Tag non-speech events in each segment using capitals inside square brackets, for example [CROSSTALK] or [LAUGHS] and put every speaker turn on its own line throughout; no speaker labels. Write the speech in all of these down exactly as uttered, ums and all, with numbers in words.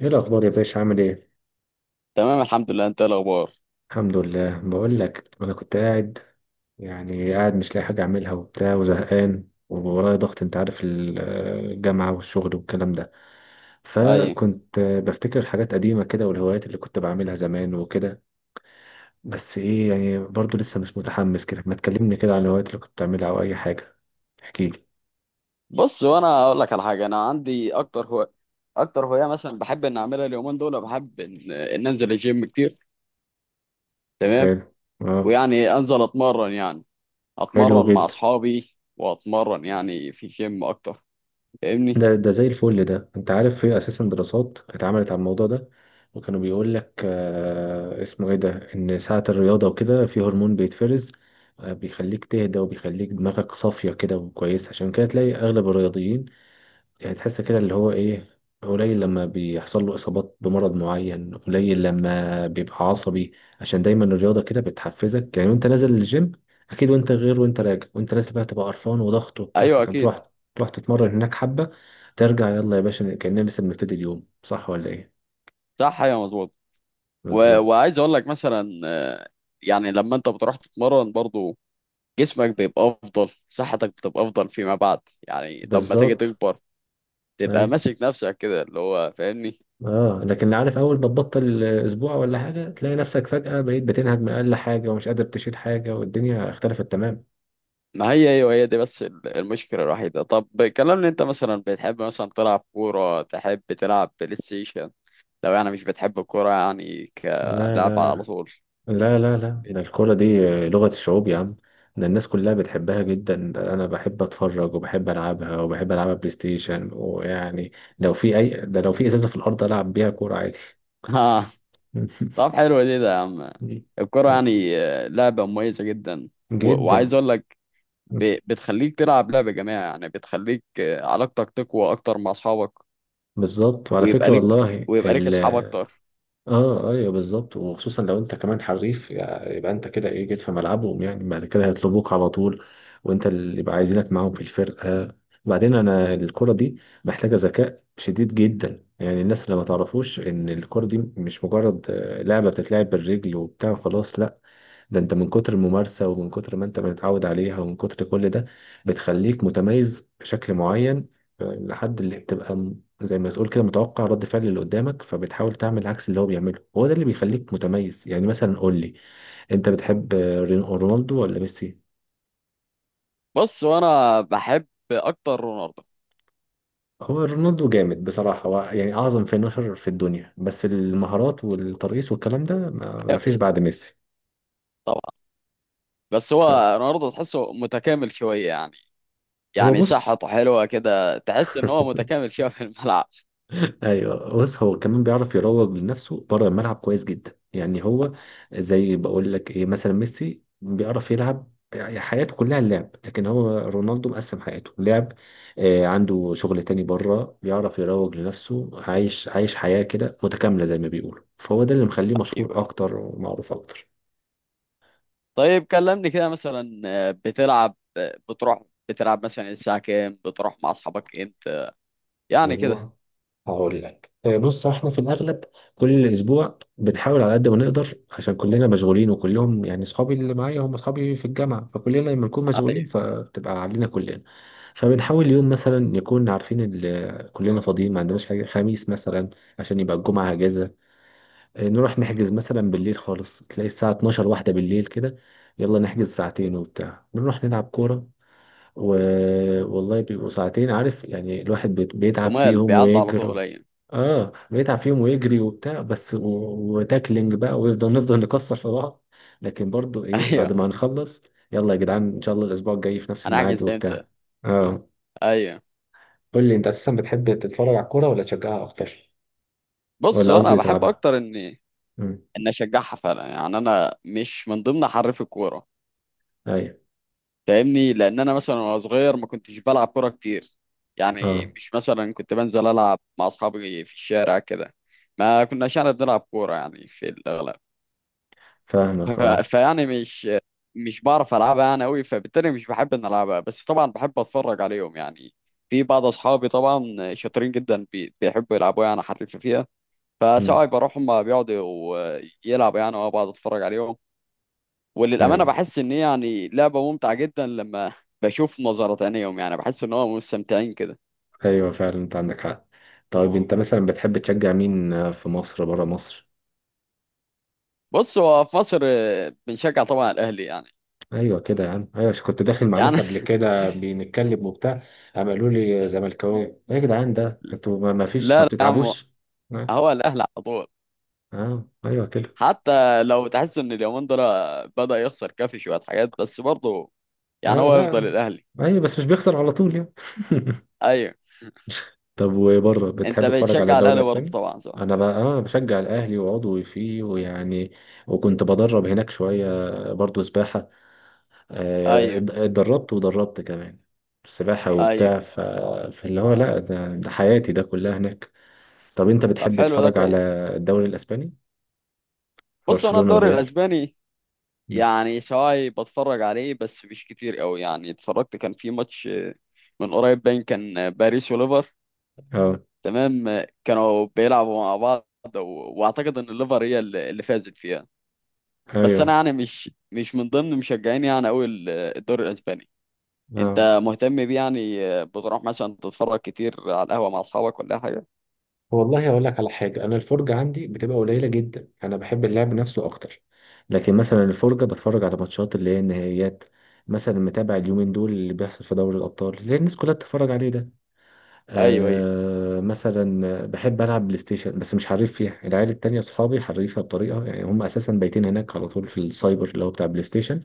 ايه الاخبار يا باشا؟ عامل ايه؟
تمام، الحمد لله. انت ايه الاخبار؟
الحمد لله. بقول لك انا كنت قاعد، يعني قاعد مش لاقي حاجه اعملها وبتاع، وزهقان وورايا ضغط، انت عارف، ال- الجامعه والشغل والكلام ده.
اي.
فكنت بفتكر حاجات قديمه كده، والهوايات اللي كنت بعملها زمان وكده. بس ايه يعني، برضو لسه مش متحمس كده. ما تكلمني كده عن الهوايات اللي كنت بتعملها او اي حاجه، احكي لي.
بص وانا اقول لك على حاجه. انا عندي اكتر هو اكتر هوايه مثلا بحب ان اعملها اليومين دول. بحب ان, ان انزل الجيم كتير. تمام.
حلو. اه.
ويعني انزل اتمرن يعني،
حلو
اتمرن مع
جدا.
اصحابي واتمرن يعني في جيم اكتر، فاهمني.
ده ده زي الفل. ده انت عارف في اساسا دراسات اتعملت على الموضوع ده، وكانوا بيقول لك، آه اسمه ايه ده، ان ساعة الرياضة وكده في هرمون بيتفرز، آه بيخليك تهدى، وبيخليك دماغك صافية كده وكويس. عشان كده تلاقي اغلب الرياضيين، يعني تحس كده اللي هو ايه، قليل لما بيحصل له اصابات بمرض معين، قليل لما بيبقى عصبي، عشان دايما الرياضه كده بتحفزك. يعني وانت نازل الجيم، اكيد وانت غير، وانت راجع وانت نازل بقى تبقى قرفان وضغط وبتاع،
ايوه
لكن
اكيد.
تروح تروح تتمرن هناك حبه، ترجع، يلا يا باشا كاننا لسه بنبتدي اليوم، صح ولا ايه؟
صح، ايوه مظبوط. و...
بالظبط.
وعايز اقول لك مثلا آه، يعني لما انت بتروح تتمرن برضو جسمك بيبقى افضل، صحتك بتبقى افضل فيما بعد. يعني لما تيجي
بالظبط.
تكبر تبقى
ايوه.
ماسك نفسك كده اللي هو، فاهمني.
اه لكن اللي عارف، اول ما تبطل اسبوع ولا حاجه تلاقي نفسك فجاه بقيت بتنهج من اقل حاجه، ومش قادر تشيل حاجه، والدنيا اختلفت تمام.
ما هي ايوه، هي دي بس ال- المشكله الوحيده. طب كلمني، انت مثلا بتحب مثلا تلعب كوره، تحب تلعب بلاي ستيشن؟ لو يعني مش بتحب الكوره يعني
لا
كلعب
لا.
على طول
لا لا
[LAUGHS]
لا،
بت-
ده الكورة دي لغة الشعوب يا عم، ده الناس كلها بتحبها جدا. أنا بحب أتفرج، وبحب ألعبها، وبحب ألعبها بلاي ستيشن، ويعني لو في أي ده، لو في إزازة في الأرض ألعب بيها كورة عادي.
ها. طب حلو دي، ده يا عم الكوره
[LAUGHS]
يعني آه، لعبه مميزه جدا، و-
جدا.
وعايز اقول لك، ب- بتخليك تلعب لعبه جماعيه يعني، بتخليك آه، علاقتك تقوى اكتر مع اصحابك،
بالظبط، وعلى
ويبقى
فكرة
لك
والله
ويبقى لك
ال...
اصحاب اكتر.
اه ايوه بالظبط. وخصوصا لو انت كمان حريف يعني، يبقى انت كده ايه، جيت في ملعبهم، يعني بعد كده هيطلبوك على طول، وانت اللي يبقى عايزينك معاهم في الفرقه. بعدين انا الكره دي محتاجه ذكاء شديد جدا، يعني الناس اللي ما تعرفوش ان الكره دي مش مجرد آه، لعبه بتتلعب بالرجل وبتاع، خلاص لا، ده انت من كتر الممارسة، ومن كتر ما انت متعود عليها، ومن كتر كل ده، بتخليك متميز بشكل معين. آه، لحد اللي بتبقى م- زي ما تقول كده متوقع رد فعل اللي قدامك، فبتحاول تعمل عكس اللي هو بيعمله، هو ده اللي بيخليك متميز. يعني مثلا قول لي، انت بتحب آه، رين- رونالدو ولا ميسي؟
بص وانا بحب اكتر رونالدو.
هو رونالدو جامد بصراحة، هو يعني أعظم فينشر في الدنيا، بس المهارات والترقيص والكلام ده ما ما
أيوة،
فيش
ميسي.
بعد ميسي.
بس
فهو
هو رونالدو تحسه متكامل شوية يعني. يعني
بص.
صحته حلوة كده، تحس ان هو
[LAUGHS]
متكامل شوية في الملعب.
ايوه بص، هو كمان بيعرف يروج لنفسه بره الملعب كويس جدا. يعني هو زي، بقول لك ايه، مثلا ميسي بيعرف يلعب، يعني حياته كلها اللعب، لكن هو رونالدو مقسم حياته لعب، آه عنده شغل تاني بره، بيعرف يروج لنفسه، عايش عايش حياة كده متكاملة زي ما بيقولوا، فهو ده اللي مخليه مشهور
ايوه أيوة.
اكتر ومعروف اكتر.
طيب كلمني كده مثلا آه، بتلعب آه، بتروح بتلعب مثلا الساعة كام؟ بتروح مع اصحابك امتى يعني كده؟
والله هقول لك. آه، بص احنا في الاغلب كل اسبوع بنحاول على قد ما نقدر، عشان كلنا مشغولين، وكلهم يعني اصحابي اللي معايا هم اصحابي في الجامعه، فكلنا لما نكون مشغولين فبتبقى علينا كلنا. فبنحاول يوم مثلا نكون عارفين ال- آه، كلنا فاضيين، ما عندناش حاجه، خميس مثلا عشان يبقى الجمعه اجازه. آه، نروح نحجز مثلا بالليل خالص، تلاقي الساعه اتناشر واحده بالليل كده، يلا نحجز ساعتين وبتاع، نروح نلعب كوره و... والله بيبقوا ساعتين. عارف يعني الواحد بيت- بيتعب
جمال
فيهم
بيعدي على
ويجري.
طول، ايوه.
اه بيتعب فيهم ويجري وبتاع، بس و... وتاكلينج بقى، ويفضل نفضل نكسر في بعض، لكن برضو
[LAUGHS]
ايه
ايوه.
بعد ما نخلص، يلا يا جدعان ان شاء الله الاسبوع الجاي في نفس
انا
الميعاد
احجز امتى؟
وبتاع. اه.
ايوه.
قول لي انت اساسا بتحب تتفرج على الكوره ولا تشجعها اكتر،
بص
ولا
انا
قصدي
بحب
تلعبها؟
اكتر اني
امم.
ان اشجعها فعلا يعني. انا مش من ضمن حريف الكورة،
ايوه.
فاهمني، لان انا مثلا وانا صغير ما كنتش بلعب كوره كتير يعني.
اه
مش مثلا كنت بنزل العب مع اصحابي في الشارع كده، ما كناش يعني بنلعب كوره يعني في الاغلب.
فاهمك.
ف-
اه.
فيعني مش مش بعرف العبها يعني قوي، فبالتالي مش بحب ان العبها. بس طبعا بحب اتفرج عليهم يعني. في بعض اصحابي طبعا شاطرين جدا، بي- بيحبوا يلعبوا يعني، حريف فيها.
امم.
فساعات بروح هم بيقعدوا يلعبوا يعني وانا بقعد اتفرج عليهم. وللأمانة
ايوه.
بحس إن هي يعني لعبة ممتعة جدا لما بشوف نظرة تانيهم، يعني بحس إن هو مستمتعين كده.
ايوه فعلا انت عندك حق. طيب انت مثلا بتحب تشجع مين، آه، في مصر، بره مصر؟
بص هو في مصر آه، بنشجع طبعا الأهلي يعني.
ايوه كده يا عم، ايوه عشان كنت داخل مع
يعني
ناس قبل
[LAUGHS]
كده بنتكلم وبتاع، قام قالوا لي زملكاوي! ايه يا جدعان ده انتوا ما ما فيش، ما
لا لا يا عم،
بتتعبوش؟ اه.
هو الأهلي على طول.
آه، ايوه كده.
حتى لو تحس إن اليومين دول بدأ يخسر كافي شوية حاجات، بس برضه يعني
اه
هو يفضل
لا.
الأهلي.
ايوه بس مش بيخسر على طول يعني. [LAUGHS]
أيوه.
طب وبره
أنت
بتحب تتفرج على
بتشجع
الدوري
الأهلي برضه
الاسباني؟
طبعا، صح؟
انا بقى اه بشجع الاهلي وعضوي فيه، ويعني وكنت بدرب هناك شويه، برضو سباحه، آه،
أيوه
ات- اتدربت ودربت كمان سباحه
أيوه.
وبتاع. ف... فاللي هو لا، ده ده حياتي ده كلها هناك. طب انت
طب
بتحب
حلو ده
تتفرج على
كويس.
الدوري الاسباني،
بص أنا
برشلونة
الدوري
وريال؟
الأسباني
مم.
يعني سواء بتفرج عليه بس مش كتير قوي يعني. اتفرجت كان في ماتش آه، من قريب باين كان باريس وليفر.
اه
تمام، كانوا بيلعبوا مع بعض، و- واعتقد ان الليفر هي اللي اللي فازت فيها. بس
ايوه.
انا يعني مش مش من ضمن مشجعين يعني قوي الدوري الاسباني.
اه
انت مهتم بيه يعني، بتروح مثلا تتفرج كتير على القهوة مع اصحابك ولا أي حاجة؟
والله اقول لك على حاجه، انا الفرجه عندي بتبقى قليله جدا، انا بحب اللعب نفسه اكتر. لكن مثلا الفرجه بتفرج على ماتشات اللي هي النهائيات. مثلا متابع اليومين دول اللي بيحصل في دوري الابطال، اللي هي الناس كلها بتتفرج عليه ده.
ايوه ايوه.
آه مثلا بحب العب بلاي ستيشن، بس مش حريف فيها. العيال التانية صحابي حريفها بطريقه، يعني هم اساسا بايتين هناك على طول في السايبر، اللي هو بتاع بلاي ستيشن،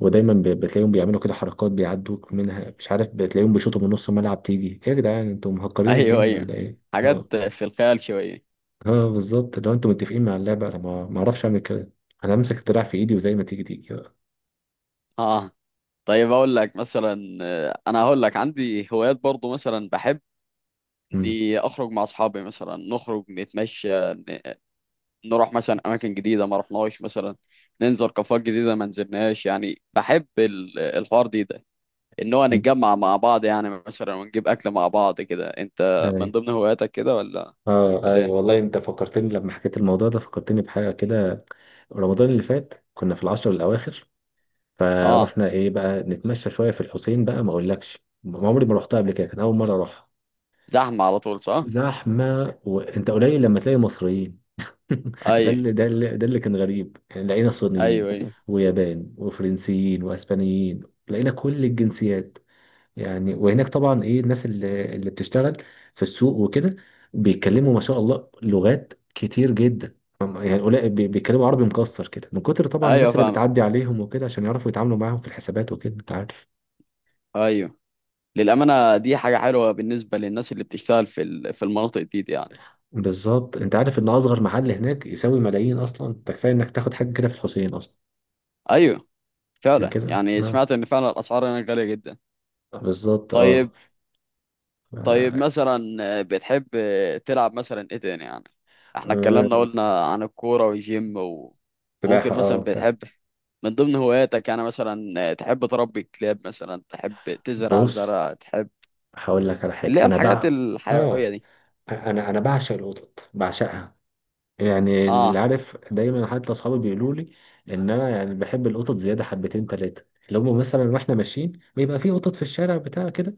ودايما ب- بتلاقيهم بيعملوا كده حركات بيعدوك منها مش عارف، بتلاقيهم بيشوطوا من نص الملعب، تيجي ايه يا جدعان انتوا مهكرين
ايوه
الدنيا ولا
ايوه.
ايه؟ اه.
حاجات في الخيال شوية.
اه بالظبط، لو انتوا متفقين مع اللعبه انا ما ما اعرفش اعمل كده، انا امسك الدراع في ايدي وزي ما تيجي تيجي بقى.
اه. طيب اقول لك مثلا آه، انا هقول لك عندي هوايات برضو. مثلا بحب
امم.
إني اخرج مع اصحابي، مثلا نخرج نتمشى، نروح مثلا اماكن جديده ما رحناش، مثلا ننزل كافيهات جديده ما نزلناش. يعني بحب ال- الحوار دي ده، ان هو نتجمع مع بعض يعني مثلا ونجيب اكل مع بعض كده. انت
اي.
من ضمن هواياتك كده ولا؟
اه
ولا
اي
ايه؟
والله انت فكرتني، لما حكيت الموضوع ده فكرتني بحاجه كده. رمضان اللي فات كنا في العشر الاواخر،
اه.
فروحنا ايه بقى نتمشى شويه في الحسين. بقى ما اقولكش، ما عمري ما رحتها قبل كده، كان اول مره اروحها.
زحمه على طول صح.
زحمه، وانت قليل لما تلاقي مصريين. [LAUGHS] ده
ايوه.
اللي ده اللي ده اللي كان غريب، يعني لقينا صينيين
ايوه ايوه.
ويابان وفرنسيين واسبانيين، لقينا كل الجنسيات. يعني وهناك طبعا ايه الناس اللي اللي بتشتغل في السوق وكده، بيتكلموا ما شاء الله لغات كتير جدا، يعني قليل بي- بيتكلموا عربي مكسر كده، من كتر
[LAUGHS]
طبعا الناس
ايوه
اللي
فاهمك.
بتعدي عليهم وكده، عشان يعرفوا يتعاملوا معاهم في الحسابات وكده، انت عارف.
ايوه. للامانه دي حاجه حلوه بالنسبه للناس اللي بتشتغل في ال- في المناطق دي, دي يعني.
بالظبط، انت عارف ان اصغر محل هناك يساوي ملايين اصلا، ده كفايه انك تاخد حاجه كده في الحسين اصلا.
ايوه
عشان
فعلا،
كده
يعني
اه.
سمعت ان فعلا الاسعار هناك غاليه جدا.
بالظبط.
طيب. طيب
اه.
مثلا آه، بتحب آه، تلعب مثلا ايه تاني يعني؟ احنا اتكلمنا،
آه،
قلنا عن الكورة والجيم و- وممكن
سباحة اه
مثلا
بتاع.
بتحب من ضمن هواياتك يعني مثلا آه، تحب تربي كلاب، مثلا تحب تزرع
بص
زرع، تحب
هقول لك على
اللي
حاجة،
هي
أنا
الحاجات
بع،
الحيوية
اه
دي.
أنا أنا بعشق القطط، بعشقها. يعني اللي
اه.
عارف، دايما حتى أصحابي بيقولوا لي إن أنا يعني بحب القطط زيادة حبتين تلاتة. اللي هم مثلا واحنا ماشيين بيبقى في قطط في الشارع بتاع كده،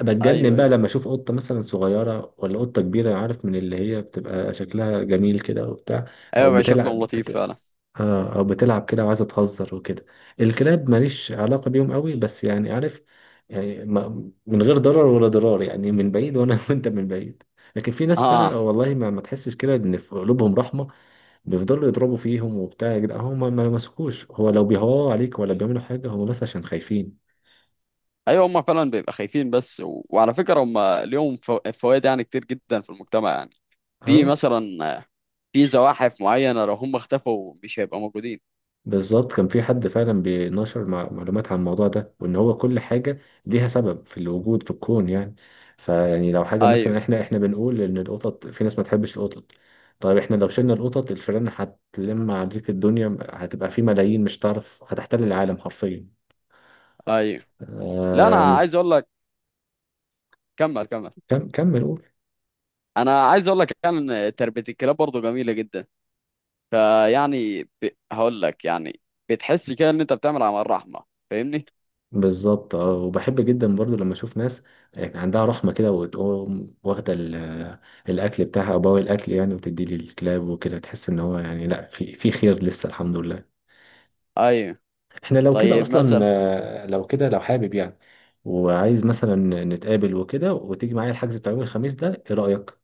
بتجنن
ايوه.
بقى
ايوه
لما أشوف قطة مثلا صغيرة ولا قطة كبيرة، عارف، من اللي هي بتبقى شكلها جميل كده وبتاع، أو
ايوه بقى شكلهم
بتلعب.
لطيف فعلا.
اه او بتلعب كده وعايزه تهزر وكده. الكلاب ماليش علاقه بيهم قوي، بس يعني عارف، يعني ما من غير ضرر ولا ضرار، يعني من بعيد وانا [LAUGHS] وانت من بعيد. لكن في ناس
اه
بقى والله ما, ما تحسش كده ان في قلوبهم رحمه، بيفضلوا يضربوا فيهم وبتاع، يا جدعان هم ما ما لمسكوش، هو لو بيهوا عليك ولا بيعملوا حاجه هم بس عشان خايفين.
ايوه، هم فعلا بيبقى خايفين بس. و... وعلى فكرة هم ليهم فو... فوائد يعني كتير جدا في المجتمع يعني. في
اه.
مثلا آه، في زواحف معينة لو هم اختفوا مش هيبقى موجودين.
بالظبط، كان في حد فعلا بينشر مع- معلومات عن الموضوع ده، وان هو كل حاجه ليها سبب في الوجود في الكون، يعني فيعني لو حاجه مثلا،
ايوه
احنا احنا بنقول ان القطط في ناس ما تحبش القطط، طيب احنا لو شلنا القطط الفئران هتلم عليك الدنيا، هتبقى في ملايين مش هتعرف، هتحتل العالم حرفيا.
ايوه. لا
آم،
انا عايز اقول لك، كمل كمل.
كم كمل قول.
انا عايز اقول لك كان تربيه الكلاب برضه جميله جدا. فيعني ب... هقول لك يعني، بتحس كده ان انت بتعمل عمل رحمه، فاهمني.
بالظبط اه، وبحب جدا برضو لما اشوف ناس يعني عندها رحمه كده، وتقوم واخده ال- الاكل بتاعها او بواقي الاكل يعني وتدي لي الكلاب وكده، تحس ان هو يعني لا، في في خير لسه الحمد لله.
ايوه.
احنا لو كده
طيب
اصلا.
مثلا.
آه، لو كده لو حابب يعني، وعايز مثلا نتقابل وكده، وتيجي معايا الحجز بتاع يوم الخميس ده، ايه رايك؟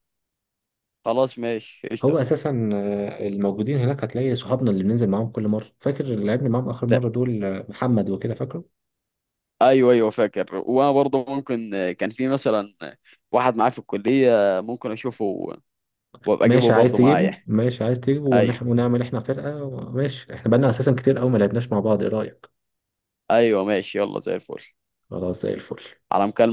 خلاص ماشي
هو
قشطه.
اساسا آه، الموجودين هناك هتلاقي صحابنا اللي بننزل معاهم كل مره، فاكر اللي لعبنا معاهم اخر
ت-
مره دول، آه، محمد وكده، فاكره؟
ايوه ايوه فاكر. وانا برضه ممكن كان في مثلا واحد معايا في الكليه، ممكن اشوفه وابقى اجيبه
ماشي عايز
برضه
تجيبه،
معايا.
ماشي عايز تجيبه ونح...
ايوه
ونعمل احنا فرقة ماشي، احنا بقالنا اساسا كتير قوي ما لعبناش مع بعض، ايه رأيك؟
ايوه ماشي، يلا زي الفل.
خلاص زي الفل.
على مكالمه.